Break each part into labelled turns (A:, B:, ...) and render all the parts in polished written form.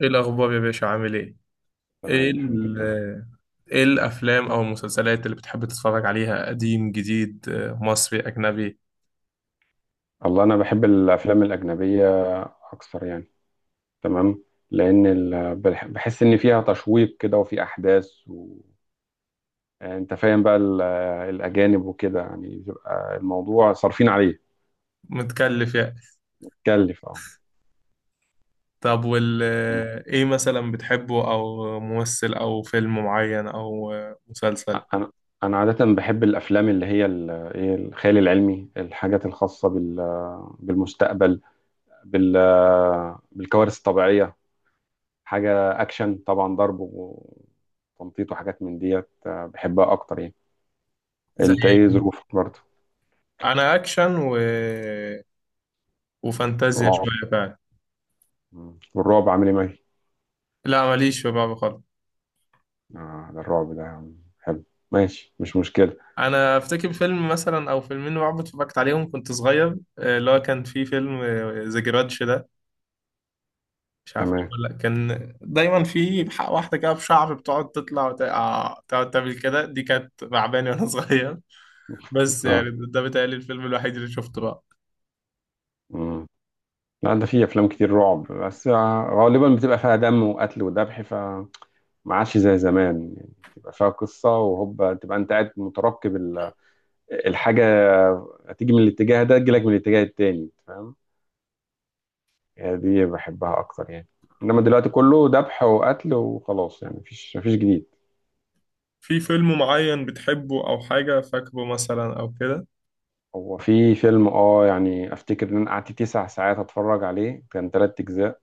A: ايه الاخبار يا باشا؟ عامل ايه؟
B: تمام.
A: ايه
B: الحمد لله.
A: ال- ايه الافلام او المسلسلات اللي بتحب تتفرج عليها؟ قديم جديد، مصري اجنبي؟
B: الله، انا بحب الافلام الاجنبيه اكثر يعني. تمام. لان بحس ان فيها تشويق كده وفي احداث يعني انت فاهم بقى الاجانب، وكده يعني بيبقى الموضوع صارفين عليه.
A: متكلف يعني.
B: كلف، اه.
A: طب وال
B: مم.
A: آه، ايه مثلا بتحبه، او ممثل او فيلم معين او مسلسل؟
B: انا انا عاده بحب الافلام اللي هي ال- ايه الخيال العلمي، الحاجات الخاصه بالمستقبل، بال... بالكوارث الطبيعيه. حاجة أكشن طبعا، ضرب وتنطيط وحاجات من ديت، بحبها أكتر يعني.
A: زي
B: أنت إيه
A: إيه؟
B: ظروفك برضه؟
A: انا اكشن وفانتازيا
B: رعب.
A: شويه فعلا.
B: والرعب عامل إيه معاك؟
A: لا ماليش في بعض خالص.
B: آه، ده الرعب ده حلو، ماشي مش مشكلة.
A: انا افتكر فيلم مثلا او فيلمين رعب اتفرجت عليهم كنت صغير، اللي هو كان في فيلم ذا جرادش ده، مش عارف
B: تمام.
A: اقول لك، كان دايما في حق واحده كده في شعر بتقعد تطلع وتقع تقعد تعمل كده، دي كانت تعباني وانا صغير. بس يعني
B: آه.
A: ده بيتهيألي الفيلم الوحيد اللي شفته بقى.
B: مم. لا، ده في أفلام كتير رعب، بس غالبا بتبقى فيها دم وقتل وذبح، فما عادش زي زمان، يعني تبقى فيها قصة وهوبا تبقى أنت قاعد مترقب الحاجة هتيجي من الاتجاه ده تجيلك من الاتجاه التاني، فاهم؟ يعني دي بحبها اكتر يعني. انما دلوقتي كله ذبح وقتل وخلاص، يعني مفيش جديد.
A: في فيلم معين بتحبه او حاجه فاكره مثلا او كده؟
B: هو في فيلم، اه يعني افتكر ان انا قعدت تسع ساعات اتفرج عليه، كان تلات اجزاء،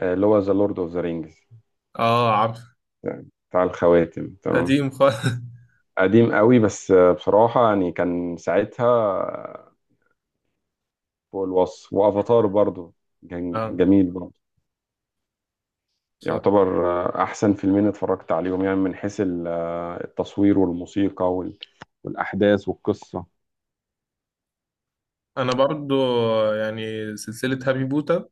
B: اللي هو ذا لورد اوف ذا رينجز،
A: اه عارف.
B: بتاع الخواتم. تمام.
A: قديم خالص
B: قديم قوي، بس بصراحة يعني كان ساعتها فوق الوصف. وافاتار برضو كان
A: اه
B: جميل برضو.
A: ف-
B: يعتبر احسن فيلمين اتفرجت عليهم يعني، من حيث التصوير والموسيقى والاحداث والقصة.
A: انا برضو يعني سلسله هابي بوتا،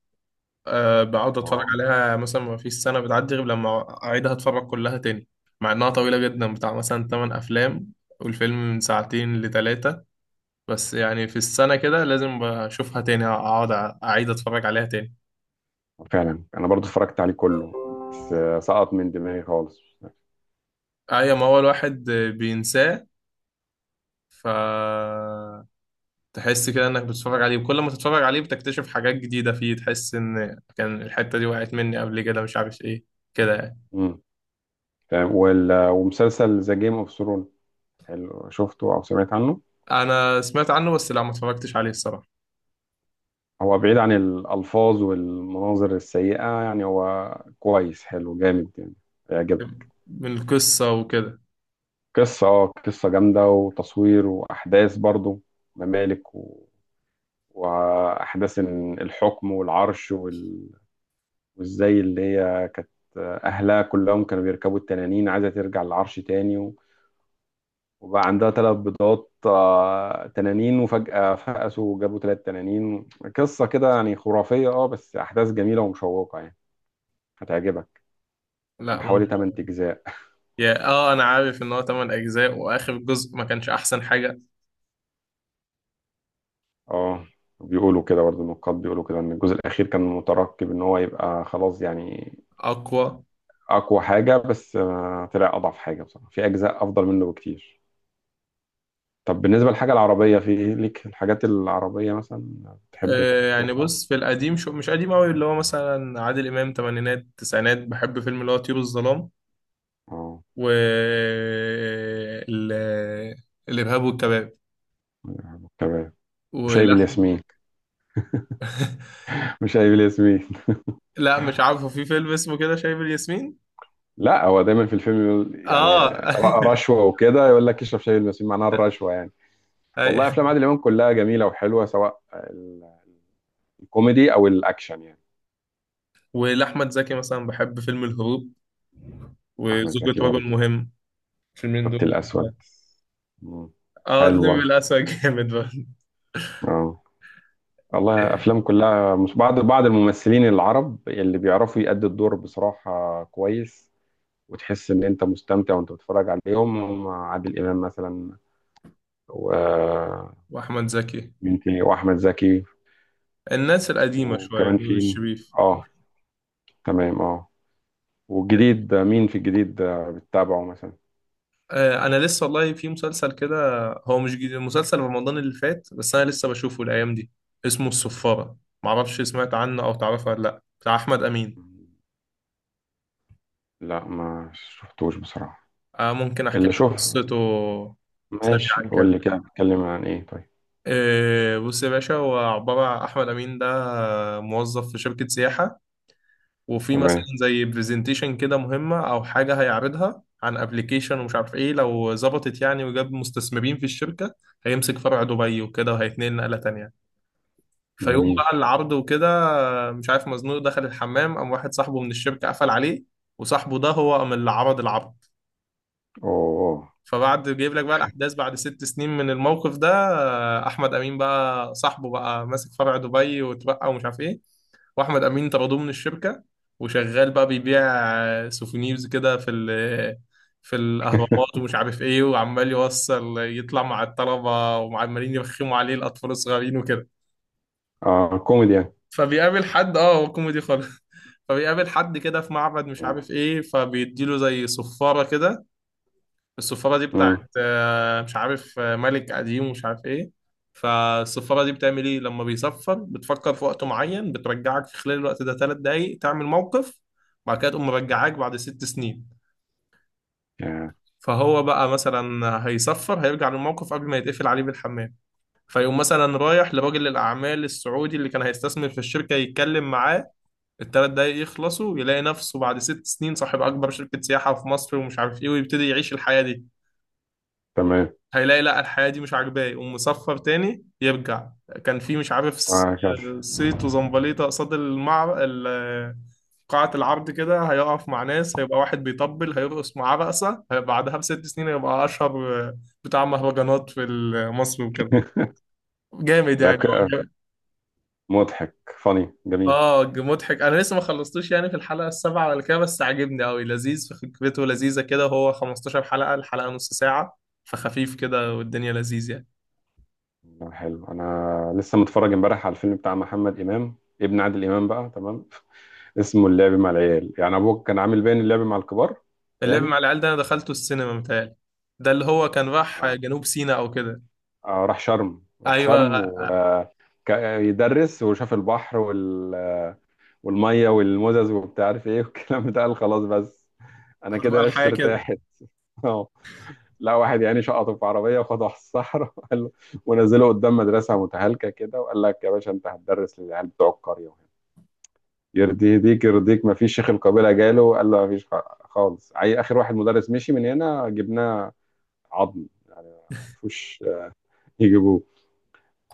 A: آه بقعد اتفرج
B: اه،
A: عليها مثلا، ما فيش سنه بتعدي غير لما اعيدها اتفرج كلها تاني. مع انها طويله جدا، بتاع مثلا 8 افلام والفيلم من ساعتين لتلاتة، بس يعني في السنة كده لازم أشوفها تاني، أقعد أعيد أتفرج عليها تاني.
B: فعلا انا برضو اتفرجت عليه كله، بس سقط من دماغي خالص.
A: أي، ما هو الواحد بينساه، فتحس كده إنك بتتفرج عليه وكل ما تتفرج عليه بتكتشف حاجات جديدة فيه، تحس إن كان الحتة دي وقعت مني قبل كده مش عارف إيه، كده يعني.
B: امم تمام. ومسلسل ذا جيم اوف ثرون، حلو، شفته او سمعت عنه؟
A: أنا سمعت عنه بس لا ما اتفرجتش عليه الصراحة.
B: هو بعيد عن الالفاظ والمناظر السيئه، يعني هو كويس، حلو جامد يعني، هيعجبك.
A: من القصة وكده؟
B: قصه، قصه جامده وتصوير واحداث برضو، ممالك و... واحداث إن الحكم والعرش وازاي اللي هي كانت اهلها كلهم كانوا بيركبوا التنانين، عايزه ترجع للعرش تاني. وبقى عندها ثلاث بيضات تنانين، وفجأة فقسوا وجابوا ثلاث تنانين. قصة كده يعني خرافية، اه، بس أحداث جميلة ومشوقة يعني، هتعجبك.
A: لا
B: حوالي
A: ممكن.
B: 8 أجزاء.
A: يا آه أنا عارف إن هو 8 أجزاء وآخر جزء ما كانش أحسن حاجة.
B: اه، بيقولوا كده برضه، النقاد بيقولوا كده إن الجزء الأخير كان مترقب إن هو يبقى خلاص يعني
A: أقوى.
B: أقوى حاجة، بس طلع أضعف حاجة بصراحة، في أجزاء أفضل منه بكتير. طب بالنسبة للحاجة العربية، في إيه ليك، الحاجات العربية مثلا بتحب
A: آه، يعني
B: تشوفها؟
A: بص، في القديم، شو مش قديم قوي، اللي هو مثلا عادل امام تمانينات تسعينات، بحب فيلم اللي هو طيور الظلام
B: اه.
A: و ال- الارهاب والكباب
B: تمام. وشاي
A: ولحم
B: بالياسمين. وشاي بالياسمين.
A: لا مش عارفه في فيلم اسمه كده شايب الياسمين.
B: لا، هو دايما في الفيلم يقول يعني،
A: اه
B: رشوه وكده، يقول لك اشرب شاي المسيب، معناها الرشوه يعني.
A: أي.
B: والله افلام عادل امام كلها جميله وحلوه، سواء الكوميدي او الاكشن يعني.
A: ولاحمد زكي مثلا بحب فيلم الهروب
B: احمد
A: وزوجة
B: زكي
A: رجل
B: برضه.
A: مهم، الفيلمين
B: خط
A: دول.
B: الاسود. مم.
A: اه
B: حلو
A: النمر
B: برضه.
A: الاسود جامد برضه.
B: اه. والله افلام كلها مش بعض، بعض الممثلين العرب اللي بيعرفوا يأدوا الدور بصراحه كويس، وتحس ان انت مستمتع وانت بتتفرج عليهم. هم عادل امام مثلا، ومين
A: واحمد زكي،
B: تاني؟ واحمد زكي.
A: الناس القديمه شويه،
B: وكمان
A: نور
B: في،
A: الشريف.
B: اه، تمام. اه. والجديد، مين في الجديد بتتابعه مثلا؟
A: آه، انا لسه والله في مسلسل كده، هو مش جديد، مسلسل رمضان اللي فات بس انا لسه بشوفه الايام دي، اسمه الصفارة، معرفش سمعت عنه او تعرفه ولا لا؟ بتاع احمد امين.
B: لا، ما شفتوش بصراحة.
A: آه ممكن احكي
B: اللي
A: لك
B: شوف.
A: قصته
B: ماشي،
A: سريعا
B: قول
A: كده.
B: لي كده بتتكلم عن ايه طيب.
A: آه بص يا باشا، هو عبارة عن احمد امين ده موظف في شركة سياحة، وفي مثلا
B: تمام.
A: زي برزنتيشن كده مهمة او حاجة هيعرضها عن ابلكيشن ومش عارف ايه، لو ظبطت يعني وجاب مستثمرين في الشركة هيمسك فرع دبي وكده وهيتنقل نقلة تانية. فيوم
B: جميل.
A: بقى العرض وكده مش عارف مزنوق دخل الحمام، قام واحد صاحبه من الشركة قفل عليه، وصاحبه ده هو قام اللي عرض العرض.
B: اوه.
A: فبعد جايب لك بقى الأحداث بعد 6 سنين من الموقف ده، أحمد أمين بقى صاحبه بقى ماسك فرع دبي واتبقى ومش عارف إيه، وأحمد أمين طردوه من الشركة وشغال بقى بيبيع سوفونيرز كده في في الأهرامات ومش عارف إيه، وعمال يوصل يطلع مع الطلبة وعمالين يرخموا عليه الأطفال الصغيرين وكده.
B: اه، كوميدي يعني.
A: فبيقابل حد، اه هو كوميدي خالص، فبيقابل حد كده في معبد مش عارف ايه، فبيديله زي صفارة كده، الصفارة دي بتاعت
B: امم.
A: مش عارف ملك قديم ومش عارف ايه. فالصفارة دي بتعمل ايه؟ لما بيصفر بتفكر في وقت معين بترجعك في خلال الوقت ده 3 دقايق تعمل موقف، بعد كده تقوم مرجعاك بعد 6 سنين.
B: يعني.
A: فهو بقى مثلا هيصفر هيرجع للموقف قبل ما يتقفل عليه بالحمام، فيقوم مثلا رايح لراجل الأعمال السعودي اللي كان هيستثمر في الشركة يتكلم معاه، ال 3 دقايق يخلصوا يلاقي نفسه بعد 6 سنين صاحب أكبر شركة سياحة في مصر ومش عارف إيه ويبتدي يعيش الحياة دي.
B: تمام.
A: هيلاقي لا الحياة دي مش عاجباه يقوم مسفر تاني يرجع. كان في مش عارف
B: وهكذا.
A: صيت وزمبليطة قصاد قاعة العرض كده، هيقف مع ناس هيبقى واحد بيطبل هيرقص معاه رقصة، بعدها ب 6 سنين هيبقى أشهر بتاع مهرجانات في مصر وكده. جامد يعني.
B: ذكاء. مضحك. فاني. جميل.
A: اه مضحك، انا لسه ما خلصتوش يعني في الحلقه السابعه ولا كده، بس عاجبني قوي لذيذ في فكرته، لذيذه كده، هو 15 حلقه الحلقه نص ساعه، فخفيف كده والدنيا لذيذ يعني.
B: لا، حلو. انا لسه متفرج امبارح على الفيلم بتاع محمد امام، ابن عادل امام بقى. تمام. اسمه اللعب مع العيال، يعني ابوك كان عامل باين اللعب مع الكبار.
A: اللعب مع
B: عيالي.
A: العيال ده انا دخلته السينما متهيألي. ده اللي هو كان راح
B: آه.
A: جنوب سيناء او كده.
B: راح شرم، راح
A: ايوه.
B: شرم ويدرس وشاف البحر والميه والمزز وبتاع، عارف ايه والكلام ده. قال خلاص، بس انا
A: هتبقى
B: كده عشت
A: الحياه كده.
B: ارتاحت. اه. لا، واحد يعني شقطه في عربيه وخده على الصحراء وقال له. ونزله قدام مدرسه متهالكه كده وقال لك يا باشا انت هتدرس للعيال بتوع القريه، وهنا يرضي يهديك يرضيك؟ ما فيش، شيخ القبيله جاله قال له ما فيش خالص، اخر واحد مدرس مشي من هنا جبناه، عظم ما عرفوش يجيبوه.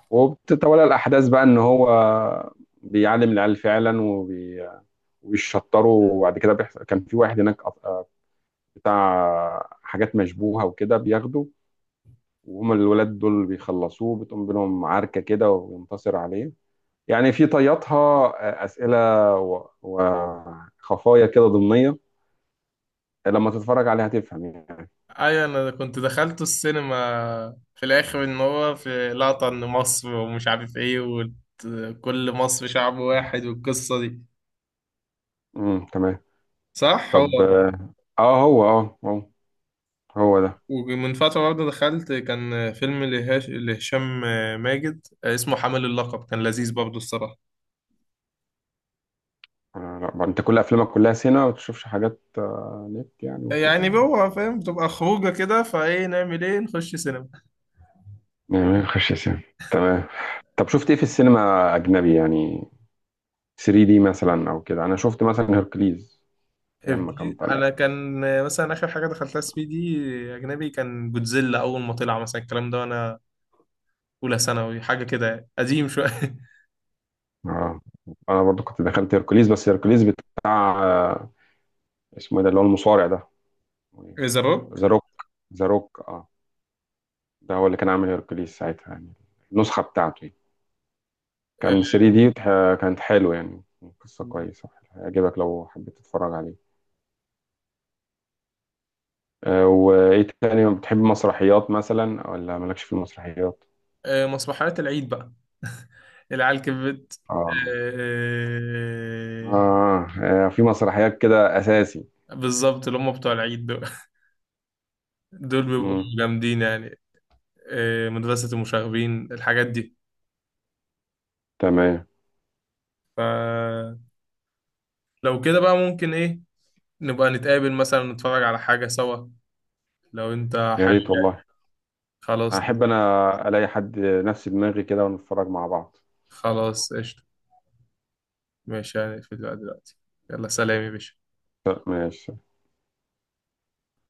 B: وبتتولى الأحداث بقى إن هو بيعلم العيال فعلا وبيشطروا. وبعد كده بيحصل، كان في واحد هناك بتاع حاجات مشبوهة وكده، بياخده، وهم الولاد دول بيخلصوه، بتقوم بينهم عركة كده وينتصر عليه. يعني في طياتها أسئلة وخفايا كده ضمنية، لما تتفرج عليها هتفهم يعني.
A: ايوه انا كنت دخلته السينما، في الاخر ان هو في لقطه ان مصر ومش عارف ايه وكل مصر شعب واحد والقصه دي.
B: تمام.
A: صح هو.
B: طب، هو اه هو هو ده.
A: ومن فترة برضه دخلت كان فيلم لهشام ماجد اسمه حامل اللقب، كان لذيذ برضه الصراحة.
B: لا بقى، انت كل افلامك كلها سينما، ما بتشوفش حاجات نت يعني وكده؟
A: يعني هو فاهم بتبقى خروجة كده، فايه نعمل ايه، نخش سينما.
B: يعني ما بخش سينما. تمام. طب شفت ايه في السينما اجنبي يعني؟ 3 دي مثلا او كده. انا شفت مثلا هيركليز، ايام ما كان
A: هبكي.
B: طالع.
A: انا كان مثلا اخر حاجة دخلتها 3 دي اجنبي كان جودزيلا اول ما طلع مثلا الكلام ده وانا اولى ثانوي حاجة كده يعني. قديم شوية
B: اه. انا برضو كنت دخلت هيركليز، بس هيركليز بتاع اسمه ايه ده، اللي هو المصارع ده.
A: ذا روك.
B: ذا روك. ذا روك، اه. ده هو اللي كان عامل هيركليز ساعتها يعني. النسخة بتاعته يعني.
A: آه،
B: كان 3 دي كانت حلوة يعني. قصة كويسة، هيعجبك لو حبيت تتفرج عليه. وايه تاني، بتحب مسرحيات مثلا ولا مالكش في المسرحيات؟
A: آه، مسرحيات العيد بقى العيال كبرت.
B: اه.
A: آه،
B: اه. في مسرحيات كده اساسي.
A: آه، بالظبط اللي هم بتوع العيد دول، دول بيبقوا
B: امم
A: جامدين يعني. إيه، مدرسة المشاغبين، الحاجات دي.
B: تمام.
A: فلو كده بقى ممكن ايه، نبقى نتقابل مثلا نتفرج على حاجة سوا لو انت
B: يا
A: حابب
B: ريت
A: يعني.
B: والله.
A: خلاص.
B: احب انا الاقي حد نفس دماغي كده ونتفرج مع بعض.
A: خلاص قشطة. ماشي يعني في دلوقتي. يلا سلام يا باشا.
B: ماشي.